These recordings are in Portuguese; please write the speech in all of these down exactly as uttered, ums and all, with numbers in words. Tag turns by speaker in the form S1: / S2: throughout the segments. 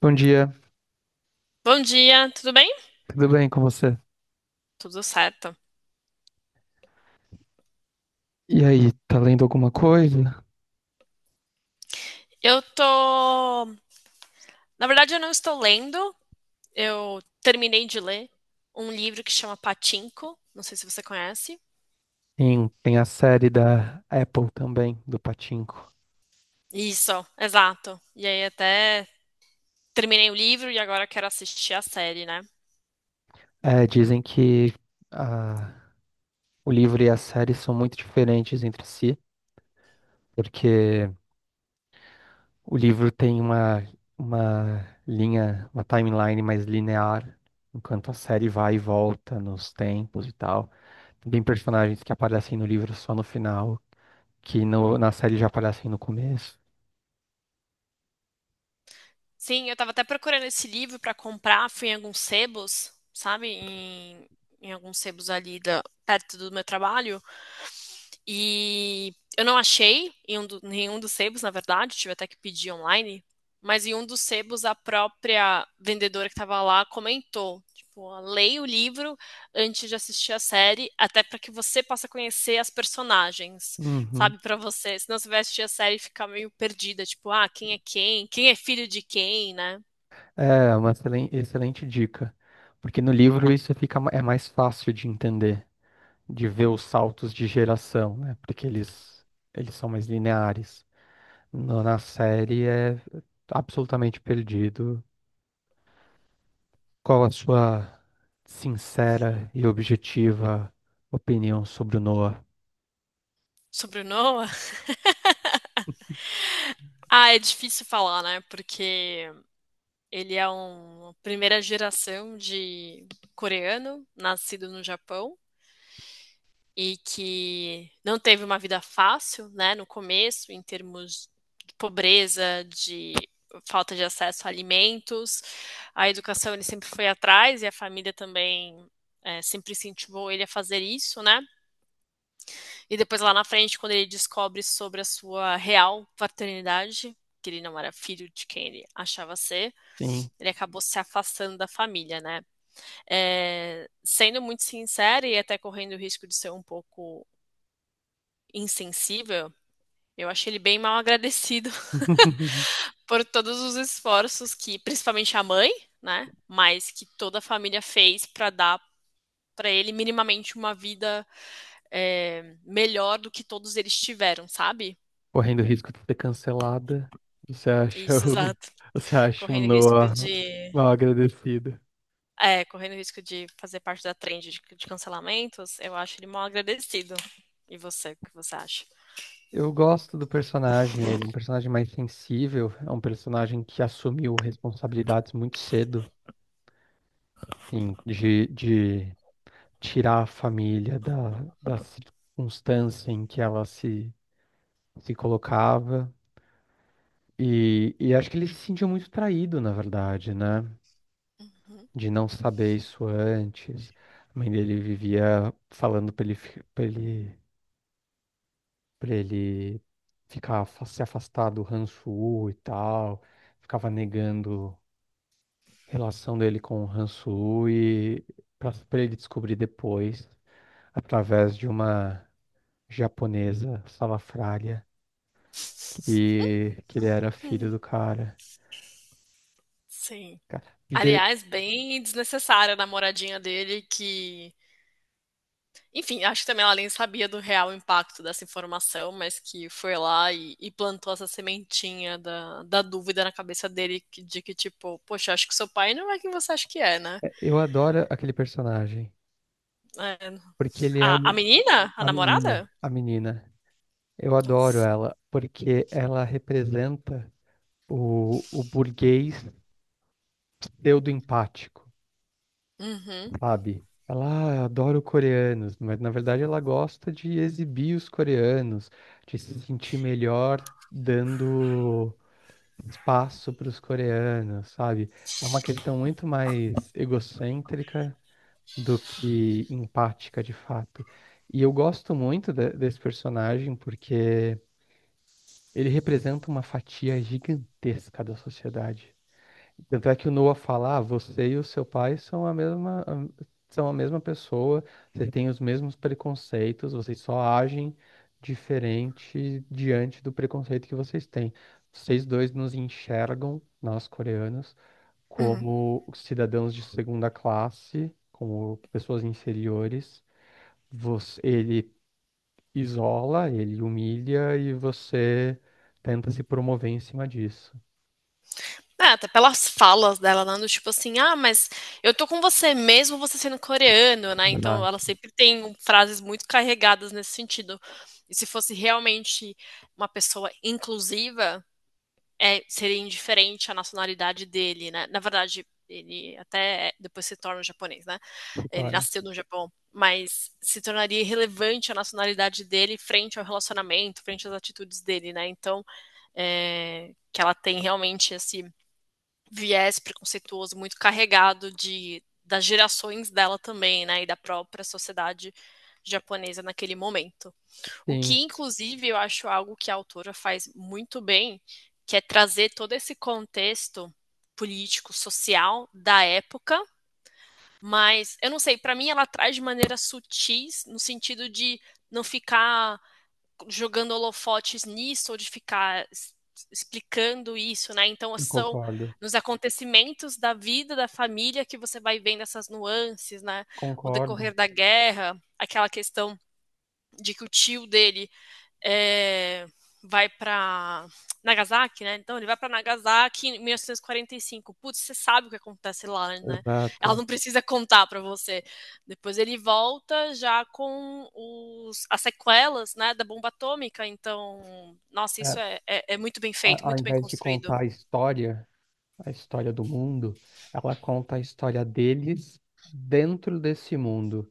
S1: Bom dia,
S2: Bom dia, tudo bem?
S1: tudo bem com você?
S2: Tudo certo.
S1: E aí, tá lendo alguma coisa?
S2: Eu tô. Na verdade, eu não estou lendo. Eu terminei de ler um livro que chama Pachinko. Não sei se você conhece.
S1: Tem, tem a série da Apple também, do Pachinko.
S2: Isso, exato. E aí, até terminei o livro e agora quero assistir a série, né?
S1: É, dizem que a- o livro e a série são muito diferentes entre si, porque o livro tem uma, uma linha, uma timeline mais linear, enquanto a série vai e volta nos tempos e tal. Tem personagens que aparecem no livro só no final, que no- na série já aparecem no começo.
S2: Sim, eu tava até procurando esse livro pra comprar. Fui em alguns sebos, sabe? Em, em alguns sebos ali da... perto do meu trabalho. E eu não achei em um do- nenhum dos sebos, na verdade, tive até que pedir online, mas em um dos sebos a própria vendedora que estava lá comentou, tipo, ó, leia o livro antes de assistir a série, até para que você possa conhecer as personagens,
S1: Uhum.
S2: sabe, para você, senão você vai assistir a série e ficar meio perdida, tipo, ah, quem é quem? Quem é filho de quem, né?
S1: É uma excelen- excelente dica, porque no livro isso fica ma- é mais fácil de entender, de ver os saltos de geração, né? Porque eles eles são mais lineares. No- na série é absolutamente perdido. Qual a sua sincera e objetiva opinião sobre o Noah?
S2: Sobre o Noah? Ah, é difícil falar, né? Porque ele é uma primeira geração de coreano, nascido no Japão, e que não teve uma vida fácil, né, no começo, em termos de pobreza, de falta de acesso a alimentos. A educação ele sempre foi atrás e a família também é, sempre incentivou ele a fazer isso, né? E depois lá na frente, quando ele descobre sobre a sua real paternidade, que ele não era filho de quem ele achava ser,
S1: Sim.
S2: ele acabou se afastando da família, né? É, sendo muito sincero e até correndo o risco de ser um pouco insensível, eu achei ele bem mal agradecido por todos os esforços que, principalmente a mãe, né? Mas que toda a família fez para dar para ele minimamente uma vida é, melhor do que todos eles tiveram, sabe?
S1: Correndo o risco de ser cancelada, você acha
S2: Isso,
S1: o,
S2: exato.
S1: você acha o
S2: Correndo risco
S1: Noah
S2: de,
S1: mal agradecido?
S2: é, correndo risco de fazer parte da trend de, de cancelamentos, eu acho ele mal agradecido. E você, o que você acha?
S1: Eu gosto do personagem, ele é um personagem mais sensível, é um personagem que assumiu responsabilidades muito cedo, assim, de, de tirar a família da, da circunstância em que ela se, se colocava. E, e acho que ele se sentiu muito traído, na verdade, né? De não saber isso antes. A mãe dele vivia falando pra ele, fi- pra ele, pra ele ficar, fa- se afastar do Hansu e tal ficava negando relação dele com o Han Solo e para ele descobrir depois, através de uma japonesa salafrária, que, que ele era filho do cara.
S2: Sim.
S1: Cara, porque
S2: Aliás, bem desnecessária a namoradinha dele que, enfim, acho que também ela nem sabia do real impacto dessa informação, mas que foi lá e, e plantou essa sementinha da, da dúvida na cabeça dele que- de que, tipo, poxa, acho que seu pai não é quem você acha que é, né?
S1: é, eu adoro aquele personagem,
S2: É,
S1: porque ele é
S2: a, a
S1: o,
S2: menina? A
S1: a menina,
S2: namorada?
S1: a menina. Eu adoro
S2: Nossa.
S1: ela, porque ela representa o, o burguês pseudo-empático.
S2: Uhum.
S1: Sabe? Ela "Ah, adora coreanos, mas na verdade ela gosta de exibir os coreanos, de se sentir melhor dando espaço para os coreanos, sabe? É uma questão muito mais egocêntrica do que empática de fato. E eu gosto muito de- desse personagem porque ele representa uma fatia gigantesca da sociedade. Tanto é que o Noah fala, ah, você e o seu pai são a mesma, a- são a mesma pessoa, vocês têm os mesmos preconceitos, vocês só agem diferente diante do preconceito que vocês têm. Vocês dois nos enxergam, nós coreanos,
S2: Uhum.
S1: como cidadãos de segunda classe, como pessoas inferiores. Você, ele isola, ele humilha e você tenta se promover em cima disso.
S2: É, até pelas falas dela, né? Do tipo assim, ah, mas eu tô com você mesmo você sendo coreano, né?
S1: Lá
S2: Então ela sempre tem um- frases muito carregadas nesse sentido. E se fosse realmente uma pessoa inclusiva, é, seria indiferente à nacionalidade dele, né? Na verdade, ele até é, depois se torna japonês, né?
S1: se
S2: Ele
S1: torna.
S2: nasceu no Japão, mas se tornaria irrelevante a nacionalidade dele frente ao relacionamento, frente às atitudes dele, né? Então, é, que ela tem realmente esse viés preconceituoso muito carregado de das gerações dela também, né, e da própria sociedade japonesa naquele momento. O
S1: Sim,
S2: que inclusive eu acho algo que a autora faz muito bem, que é trazer todo esse contexto político, social da época, mas eu não sei, para mim ela traz de maneira sutis no sentido de não ficar jogando holofotes nisso, ou de ficar explicando isso, né? Então,
S1: eu
S2: são
S1: concordo.
S2: nos acontecimentos da vida da família que você vai vendo essas nuances, né? O
S1: Concordo.
S2: decorrer da guerra, aquela questão de que o tio dele é, vai para Nagasaki, né? Então ele vai para Nagasaki em mil novecentos e quarenta e cinco. Putz, você sabe o que acontece lá, né?
S1: Exato.
S2: Ela não precisa contar para você. Depois ele volta já com os, as sequelas, né, da bomba atômica. Então, nossa, isso
S1: É,
S2: é, é, é muito bem feito,
S1: a- ao
S2: muito bem
S1: invés de
S2: construído.
S1: contar a história, a história do mundo, ela conta a história deles dentro desse mundo.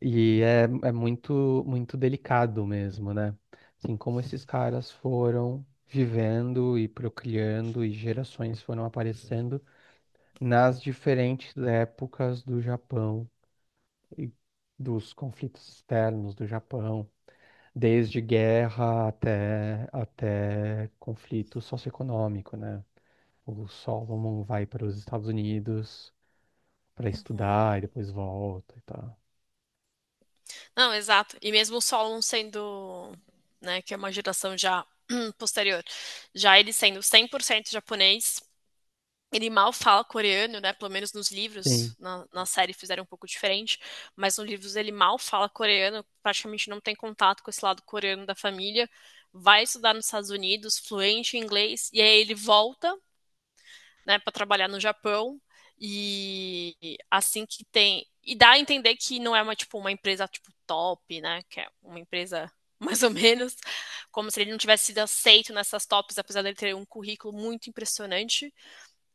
S1: E é, é muito, muito delicado mesmo, né? Assim, como esses caras foram vivendo e procriando e gerações foram aparecendo nas diferentes épocas do Japão. E dos conflitos externos do Japão, desde guerra até, até conflito socioeconômico, né? O Solomon vai para os Estados Unidos para
S2: Uhum.
S1: estudar e depois volta e tal.
S2: Não, exato. E mesmo o Solon sendo, né, que é uma geração já posterior, já ele sendo cem por cento japonês, ele mal fala coreano, né? Pelo menos nos
S1: Sim,
S2: livros, na, na série fizeram um pouco diferente, mas nos livros ele mal fala coreano, praticamente não tem contato com esse lado coreano da família. Vai estudar nos Estados Unidos, fluente em inglês, e aí ele volta, né, para trabalhar no Japão. E assim que tem. E dá a entender que não é uma, tipo, uma empresa tipo top, né? Que é uma empresa mais ou menos, como se ele não tivesse sido aceito nessas tops, apesar dele ter um currículo muito impressionante.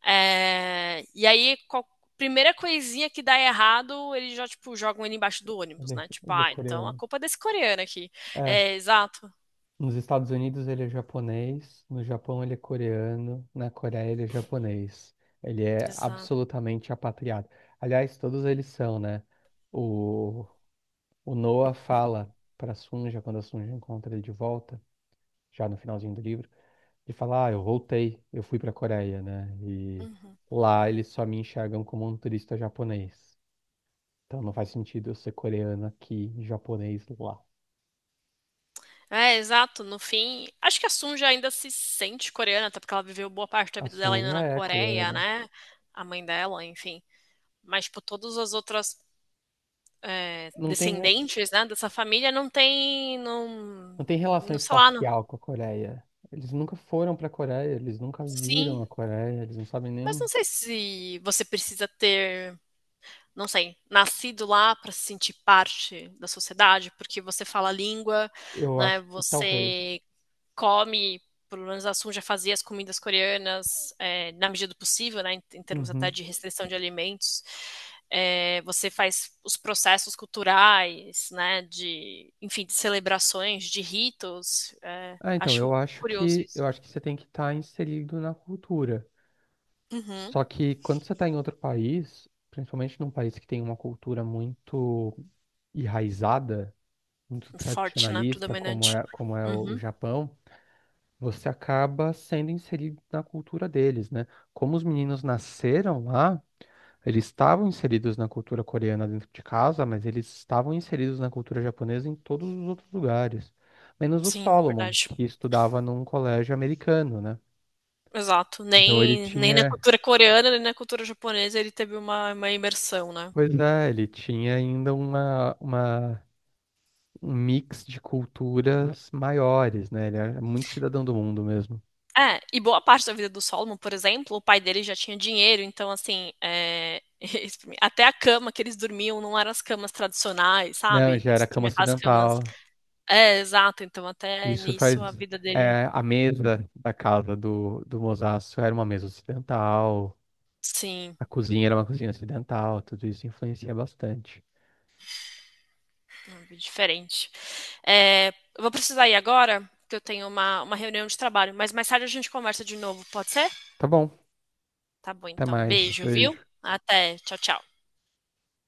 S2: É, e aí, qual- primeira coisinha que dá errado, eles já, tipo, jogam ele embaixo do
S1: ele
S2: ônibus,
S1: é,
S2: né? Tipo,
S1: ele é
S2: ah, então a
S1: coreano.
S2: culpa é desse coreano aqui.
S1: É,
S2: É, exato,
S1: nos Estados Unidos ele é japonês, no Japão ele é coreano, na Coreia ele é japonês. Ele é
S2: exato.
S1: absolutamente apatriado. Aliás, todos eles são, né? O O Noah fala para Sunja, quando a Sunja encontra ele de volta, já no finalzinho do livro, ele fala: Ah, eu voltei, eu fui para a Coreia, né? E
S2: Uhum.
S1: lá eles só me enxergam como um turista japonês. Então não faz sentido eu ser coreano aqui e japonês lá.
S2: É, exato. No fim, acho que a Sunja ainda se sente coreana, até porque ela viveu boa parte da
S1: A
S2: vida dela ainda
S1: Sunja
S2: na
S1: é
S2: Coreia,
S1: coreana.
S2: né? A mãe dela, enfim. Mas, tipo, todas as outras é,
S1: Não tem, re-
S2: descendentes, né, dessa família não tem, não,
S1: não tem relação
S2: não sei lá, não.
S1: espacial com a Coreia. Eles nunca foram para a Coreia, eles nunca viram
S2: Sim,
S1: a Coreia, eles não sabem
S2: mas não
S1: nem.
S2: sei se você precisa ter não sei, nascido lá para se sentir parte da sociedade, porque você fala a língua,
S1: Eu
S2: né?
S1: acho que talvez.
S2: Você come, pelo menos a Sun já fazia as comidas coreanas é, na medida do possível, né? Em, em, termos até
S1: Uhum.
S2: de restrição de alimentos. É, você faz os processos culturais, né? De, enfim, de celebrações, de ritos. É,
S1: Ah, então,
S2: acho
S1: eu acho
S2: curioso
S1: que
S2: isso.
S1: eu acho que você tem que estar inserido na cultura.
S2: Uhum.
S1: Só que quando você está em outro país, principalmente num país que tem uma cultura muito enraizada, muito
S2: Forte, né?
S1: tradicionalista, como
S2: Predominante.
S1: é, como é o
S2: Uhum.
S1: Japão, você acaba sendo inserido na cultura deles, né? Como os meninos nasceram lá, eles estavam inseridos na cultura coreana dentro de casa, mas eles estavam inseridos na cultura japonesa em todos os outros lugares, menos o
S2: Sim,
S1: Solomon,
S2: verdade.
S1: que estudava num colégio americano, né?
S2: Exato.
S1: Então ele
S2: Nem, nem na
S1: tinha,
S2: cultura coreana, nem na cultura japonesa ele teve uma, uma imersão, né?
S1: pois é, ele tinha ainda uma, uma, um mix de culturas maiores, né? Ele era muito cidadão do mundo mesmo.
S2: É, e boa parte da vida do Solomon, por exemplo, o pai dele já tinha dinheiro, então, assim, é, isso pra mim, até a cama que eles dormiam não eram as camas tradicionais,
S1: Não,
S2: sabe?
S1: já era
S2: Eles
S1: cama
S2: dormiam aquelas camas.
S1: ocidental.
S2: É, exato, então, até
S1: Isso
S2: nisso a
S1: faz.
S2: vida dele,
S1: É, a mesa da casa do, do Mosaço era uma mesa ocidental,
S2: sim,
S1: a cozinha era uma cozinha ocidental, tudo isso influencia bastante.
S2: é uma vida diferente. É, eu vou precisar ir agora, que eu tenho uma, uma reunião de trabalho, mas mais tarde a gente conversa de novo, pode ser?
S1: Tá bom,
S2: Tá bom,
S1: até
S2: então,
S1: mais.
S2: beijo, viu?
S1: Beijo.
S2: Até, tchau, tchau.